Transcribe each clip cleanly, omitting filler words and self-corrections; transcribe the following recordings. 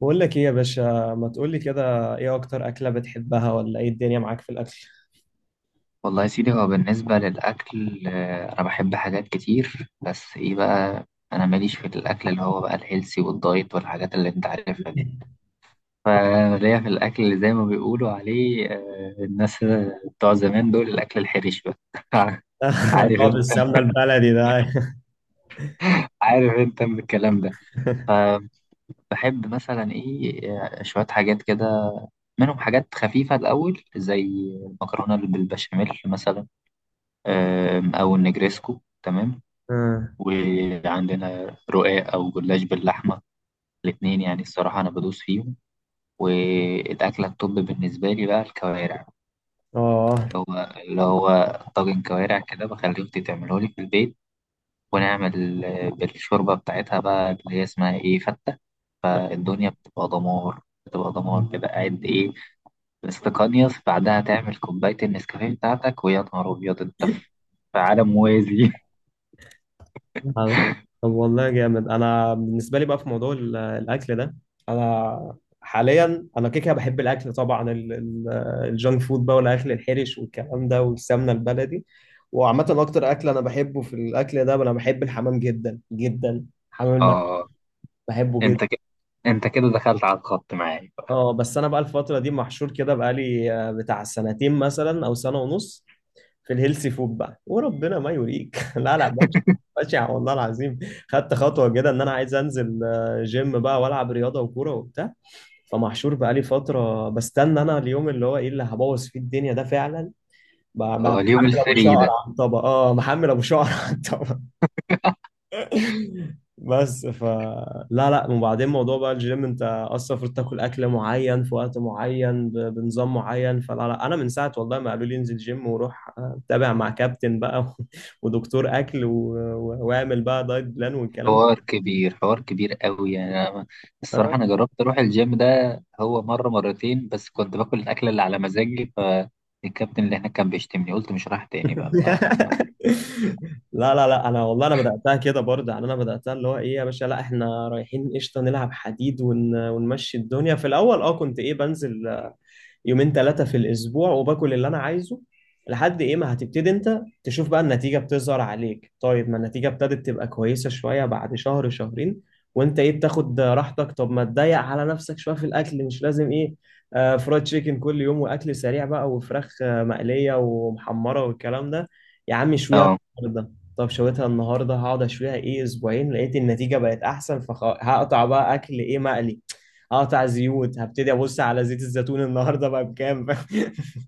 بقول لك ايه يا باشا؟ ما تقول لي كده، ايه اكتر اكله بتحبها، ولا ايه الدنيا معاك في الاكل؟ والله يا سيدي هو بالنسبة للأكل أنا بحب حاجات كتير، بس إيه بقى. أنا ماليش في الأكل اللي هو بقى الهيلسي والدايت والحاجات اللي أنت عارفها دي. فليا في الأكل اللي زي ما بيقولوا عليه، الناس بتوع زمان دول، الأكل الحرش بقى. اللي عارف هو أنت بالسمنه البلدي ده. عارف أنت من الكلام ده. فبحب مثلا إيه، شوية حاجات كده، منهم حاجات خفيفة الأول زي المكرونة بالبشاميل مثلا، أو النجريسكو، تمام. اه. وعندنا رقاق أو جلاش باللحمة، الاتنين يعني الصراحة أنا بدوس فيهم. والأكلة الطب بالنسبة لي بقى الكوارع، آه. اللي هو طاجن كوارع كده بخلي أختي تعمله لي في البيت، ونعمل بالشوربة بتاعتها بقى اللي هي اسمها إيه، فتة. فالدنيا بتبقى دمار، بتبقى دمار كده، قاعد إيه، مستقنيص، بعدها تعمل كوباية النسكافيه بتاعتك، ويا نهار أبيض، أنت في في عالم موازي. طب والله جامد. انا بالنسبه لي بقى في موضوع الاكل ده، انا حاليا انا كده كده بحب الاكل طبعا، الجانك فود بقى والاكل الحرش والكلام ده والسمنه البلدي، وعامه اكتر اكل انا بحبه في الاكل ده انا بحب الحمام جدا جدا، حمام المحشي، آه. بحبه جدا. أنت كده أنت كده دخلت على الخط معايا. اه بس انا بقى الفتره دي محشور كده بقالي بتاع سنتين مثلا او سنه ونص في الهيلثي فود بقى، وربنا ما يوريك. لا لا ماشي. ماشي والله العظيم، خدت خطوه كده ان انا عايز انزل جيم بقى والعب رياضه وكوره وبتاع. فمحشور بقالي فتره بستنى انا اليوم اللي هو ايه، اللي هبوظ فيه الدنيا ده فعلا، اليوم محمل ابو شعر الفري ده. على الطبق. اه محمل ابو شعر على الطبق بس لا لا، وبعدين موضوع بقى الجيم. انت اصلا المفروض تاكل اكل معين في وقت معين، بنظام معين، فلا لا، انا من ساعه والله ما قالوا لي انزل جيم وروح تابع مع كابتن بقى ودكتور اكل واعمل بقى دايت بلان والكلام ده. حوار كبير، حوار كبير قوي. يعني أنا الصراحة آه. أنا جربت أروح الجيم ده هو مرة مرتين، بس كنت باكل الأكلة اللي على مزاجي، فالكابتن اللي هناك كان بيشتمني، قلت مش رايح تاني بقى لا لا لا، انا والله انا بداتها كده برضه، يعني انا بداتها اللي هو ايه يا باشا، لا احنا رايحين قشطه نلعب حديد ونمشي الدنيا في الاول. اه كنت ايه، بنزل يومين ثلاثة في الأسبوع وباكل اللي أنا عايزه، لحد إيه ما هتبتدي أنت تشوف بقى النتيجة بتظهر عليك. طيب ما النتيجة ابتدت تبقى كويسة شوية بعد شهر شهرين، وأنت إيه بتاخد راحتك، طب ما تضيق على نفسك شوية في الأكل، مش لازم إيه فرايد تشيكن كل يوم وأكل سريع بقى وفراخ مقلية ومحمرة والكلام ده، يا عم اشويها آه. النهاردة. طب شويتها النهارده، هقعد اشويها ايه اسبوعين، لقيت النتيجه بقت احسن، فهقطع بقى اكل ايه مقلي، هقطع زيوت، هبتدي ابص على زيت الزيتون النهارده بقى بكام.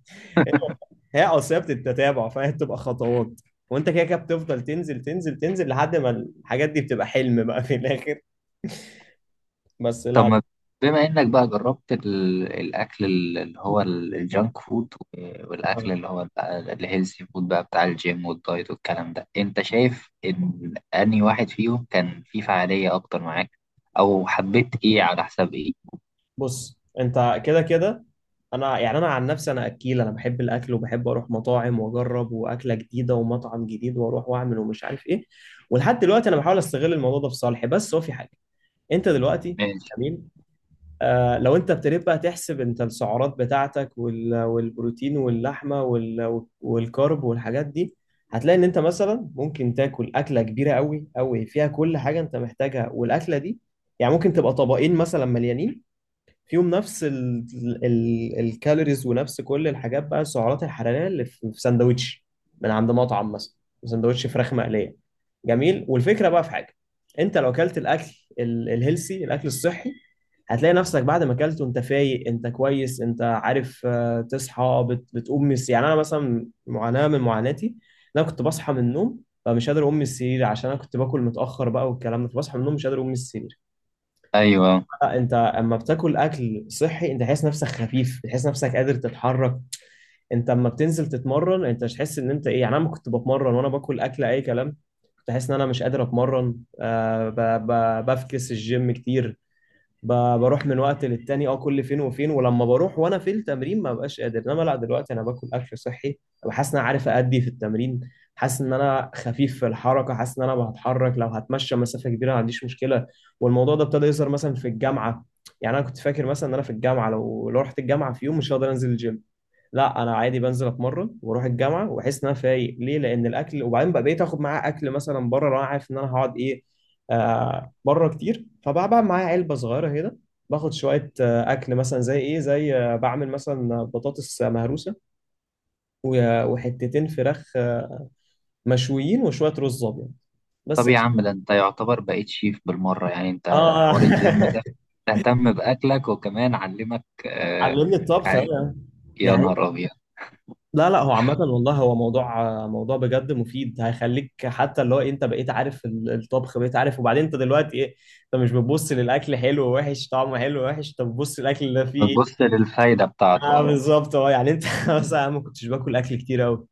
هي اصل هي بتتتابع، فهي بتبقى خطوات، وانت كده كده بتفضل تنزل تنزل تنزل لحد ما الحاجات دي بتبقى حلم بقى في الاخر، بس طب لا. ما، بما إنك بقى جربت الأكل اللي هو الجانك فود، والأكل اللي لا. هو بقى الهيلثي فود بقى بتاع الجيم والدايت والكلام ده، أنت شايف إن أنهي واحد فيهم كان فيه فعالية أكتر معاك، أو حبيت إيه على حساب بص انت كده كده، انا يعني انا عن نفسي انا اكيل، انا بحب الاكل وبحب اروح مطاعم واجرب واكله جديده ومطعم جديد واروح واعمل ومش عارف ايه، ولحد دلوقتي انا بحاول استغل الموضوع ده في صالحي، بس هو في حاجه. انت دلوقتي إيه؟ جميل. لو انت ابتديت بقى تحسب انت السعرات بتاعتك والبروتين واللحمه والكارب والحاجات دي، هتلاقي ان انت مثلا ممكن تاكل اكله كبيره قوي قوي فيها كل حاجه انت محتاجها، والاكله دي يعني ممكن تبقى طبقين مثلا مليانين، فيهم نفس ال ال الكالوريز ونفس كل الحاجات بقى، السعرات الحراريه اللي في سندوتش من عند مطعم مثلا، سندوتش فراخ مقليه. جميل. والفكره بقى في حاجه، انت لو اكلت الاكل الهيلسي، الاكل الصحي، هتلاقي نفسك بعد ما اكلت وانت فايق انت كويس، انت عارف تصحى بتقوم يعني انا مثلا معاناة من معاناتي، إن انا كنت بصحى من النوم فمش قادر اقوم من السرير عشان انا كنت باكل متاخر بقى والكلام ده، فبصحى من النوم مش قادر اقوم من السرير. ايوه. لا، انت اما بتاكل اكل صحي انت تحس نفسك خفيف، بتحس نفسك قادر تتحرك، انت اما بتنزل تتمرن انت مش تحس ان انت ايه، يعني انا لما كنت بتمرن وانا باكل اكل اي كلام كنت حاسس ان انا مش قادر اتمرن. آه ب... بفكس الجيم كتير، بروح من وقت للتاني، اه كل فين وفين، ولما بروح وانا في التمرين ما ببقاش قادر. انما لا، دلوقتي انا باكل اكل صحي وحاسس ان انا عارف ادي في التمرين، حاسس ان انا خفيف في الحركه، حاسس ان انا بتحرك، لو هتمشى مسافه كبيره ما عنديش مشكله. والموضوع ده ابتدى يظهر مثلا في الجامعه، يعني انا كنت فاكر مثلا ان انا في الجامعه لو رحت الجامعه في يوم مش هقدر انزل الجيم، لا انا عادي بنزل اتمرن واروح الجامعه واحس ان انا فايق، ليه؟ لان الاكل. وبعدين بقى بقيت اخد معاه اكل مثلا بره، لو انا عارف ان انا هقعد ايه بره كتير، فبقى معايا علبه صغيره كده، باخد شويه اكل مثلا، زي ايه، زي بعمل مثلا بطاطس مهروسه وحتتين فراخ مشويين وشويه رز ابيض. طب بس. يا عم، ده انت يعتبر بقيت شيف بالمره. يعني انت، اه. حوار الجيم ده، تهتم باكلك، وكمان علمك آه علمني الطبخ حاجة. أنا. دي يا نهار ابيض. لا لا، هو عامة والله هو موضوع بجد مفيد، هيخليك حتى اللي هو إيه، انت بقيت عارف الطبخ، بقيت عارف، وبعدين انت دلوقتي ايه، انت مش بتبص للاكل حلو ووحش، طعمه حلو ووحش، انت بتبص للاكل اللي فيه ايه. بتبص للفايده بتاعته، اه اه. بالظبط، اه يعني انت مثلا أنا ما كنتش باكل اكل كتير قوي،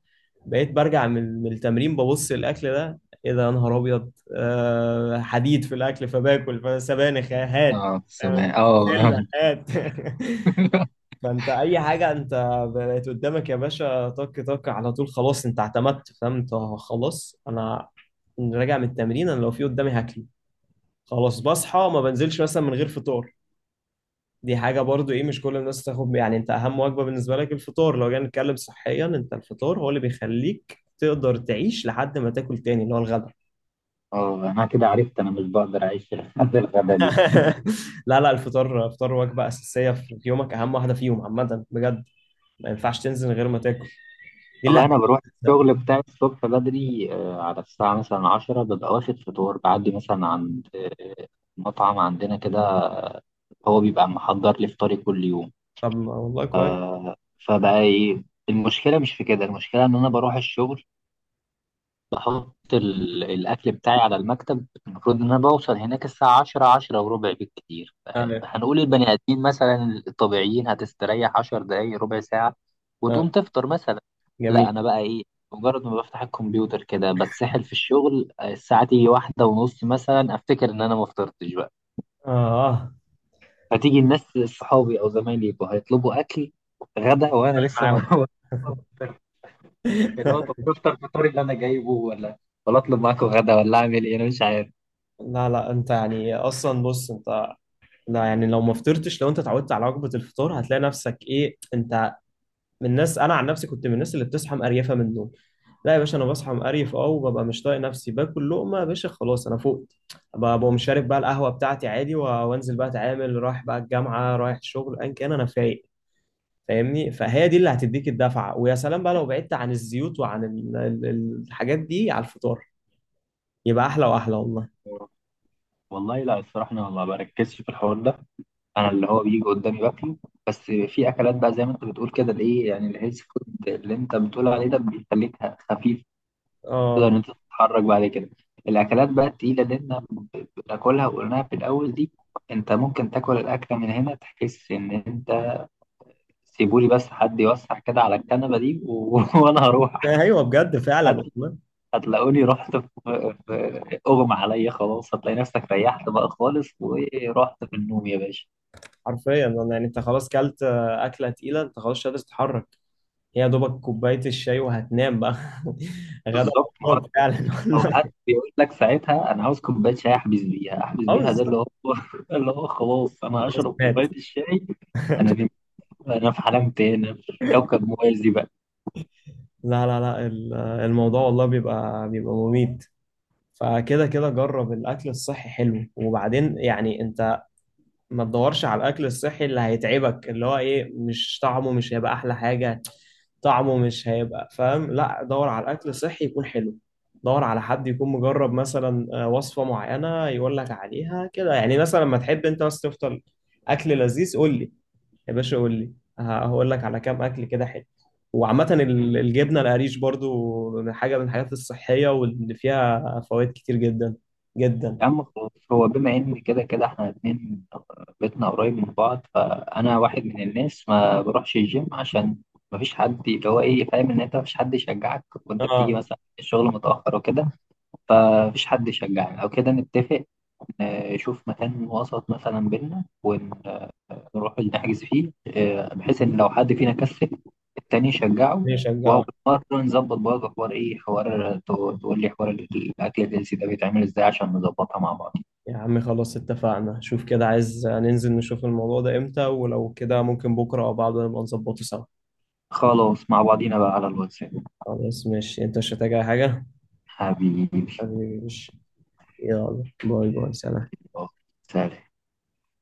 بقيت برجع من التمرين ببص الاكل ده، ايه ده يا نهار ابيض، آه حديد في الاكل، فباكل فسبانخ هات، اه، سمع، اه. بسله هات. فانت اي حاجه انت بقت قدامك يا باشا طك طك على طول، خلاص انت اعتمدت، فاهم انت؟ خلاص انا راجع من التمرين، انا لو في قدامي هاكله. خلاص بصحى ما بنزلش مثلا من غير فطار، دي حاجه برضو ايه مش كل الناس تاخد، يعني انت اهم وجبه بالنسبه لك الفطار، لو جينا نتكلم صحيا انت الفطار هو اللي بيخليك تقدر تعيش لحد ما تاكل تاني اللي هو الغدا. اه، انا كده عرفت انا مش بقدر اعيش لحد الغدا دي. لا لا الفطار، الفطار وجبه اساسيه في يومك، اهم واحده فيهم عامه بجد، ما ينفعش تنزل من غير ما تاكل، دي اللي والله انا بروح هتبدأ. الشغل بتاعي الصبح بدري، على الساعه مثلا 10، ببقى واخد فطور بعدي مثلا عند مطعم عندنا كده، هو بيبقى محضر لي فطاري كل يوم. طب ما والله كويس. فبقى ايه، المشكله مش في كده، المشكله ان انا بروح الشغل بحط الاكل بتاعي على المكتب. المفروض ان انا بوصل هناك الساعه 10، 10 وربع بالكتير. ايوه. هنقول البني ادمين مثلا الطبيعيين هتستريح 10 دقايق، ربع ساعه، وتقوم اه. تفطر مثلا. لا جميل. انا بقى ايه، مجرد ما بفتح الكمبيوتر كده بتسحل في الشغل، الساعه تيجي واحدة ونص مثلا افتكر ان انا ما فطرتش بقى. اه. فتيجي الناس، صحابي او زمايلي، يبقوا هيطلبوا اكل غدا، وانا لسه معاهم. ما. اللي هو، طب تفطر الفطار اللي انا جايبه، ولا اطلب معاكم غدا، ولا اعمل ايه، انا مش عارف. لا لا، انت يعني اصلا بص انت، لا يعني لو ما فطرتش، لو انت اتعودت على وجبه الفطار هتلاقي نفسك ايه، انت من الناس، انا عن نفسي كنت من الناس اللي بتصحى مقريفه من النوم. لا يا باشا، انا بصحى مقريف اه، وببقى مش طايق نفسي باكل لقمه يا باشا، خلاص انا فقت، ببقى مش شارب بقى القهوه بتاعتي عادي، وانزل بقى اتعامل رايح بقى الجامعه، رايح الشغل ان كان انا فايق، فاهمني؟ فهي دي اللي هتديك الدفعه، ويا سلام بقى لو بعدت عن الزيوت وعن الحاجات دي على الفطار، يبقى احلى واحلى والله. والله لا، الصراحة أنا ما بركزش في الحوار ده. أنا اللي هو بيجي قدامي باكله، بس في أكلات بقى زي ما أنت بتقول كده، اللي إيه يعني الهيلث فود اللي أنت بتقول عليه ده، بيخليك خفيف، تقدر إن اه. أنت تتحرك بعد كده. الأكلات بقى التقيلة اللي إحنا بناكلها وقلناها في الأول دي، أنت ممكن تاكل الأكلة من هنا تحس إن أنت، سيبولي بس حد يوسع كده على الكنبة دي وأنا هروح. ايوه بجد فعلا والله، هتلاقوني رحت في اغمى عليا خلاص. هتلاقي نفسك ريحت بقى خالص ورحت في النوم يا باشا. حرفيا. أنا يعني انت خلاص كلت اكله تقيله انت خلاص مش قادر تتحرك، هي يا دوبك كوبايه الشاي وهتنام بقى. غدا بالظبط، ما هو بطنك فعلا او والله. حد بيقول لك ساعتها، انا عاوز كوبايه شاي احبس بيها، احبس اه بيها، ده اللي بالظبط. هو اللي هو خلاص، انا هو خلاص هشرب كوبايه مات. الشاي. انا نمت، انا في عالم تاني، أنا في كوكب موازي بقى. لا لا لا، الموضوع والله بيبقى مميت. فكده كده جرب الاكل الصحي، حلو، وبعدين يعني انت ما تدورش على الاكل الصحي اللي هيتعبك، اللي هو ايه مش طعمه مش هيبقى احلى حاجه، طعمه مش هيبقى، فاهم؟ لا، دور على الاكل الصحي يكون حلو، دور على حد يكون مجرب مثلا وصفه معينه يقول لك عليها كده، يعني مثلا لما تحب انت بس تفطر اكل لذيذ قول لي يا باشا، قول لي، هقول لك على كام اكل كده حلو. وعامة الجبنة القريش برضو من حاجة من الحاجات الصحية واللي فيها فوائد كتير جدا جدا. يا عم خلاص، هو بما ان كده كده احنا الاتنين بيتنا قريب من بعض، فانا واحد من الناس ما بروحش الجيم عشان ما فيش حد اللي هو ايه، فاهم ان انت ما فيش حد يشجعك، وانت بتيجي اه. مثلا الشغل متاخر وكده، فما فيش حد يشجعك. او كده نتفق، نشوف مكان وسط مثلا بينا ونروح نحجز فيه، بحيث ان لو حد فينا كسل التاني يشجعه. وهو بيشجعك. مرة نظبط برضه حوار ايه، حوار، تقول لي حوار الاكل الجنسي ده بيتعمل ازاي عشان نظبطها مع بعض. يا عم خلاص اتفقنا، شوف كده عايز ننزل نشوف الموضوع ده امتى، ولو كده ممكن بكرة او بعده نبقى نظبطه سوا. خلاص مع بعضينا بقى على الواتساب. خلاص ماشي، انت مش هتحتاج اي حاجة. حبيبي. حبيبي ماشي. يلا باي باي سلام. آه، سلام.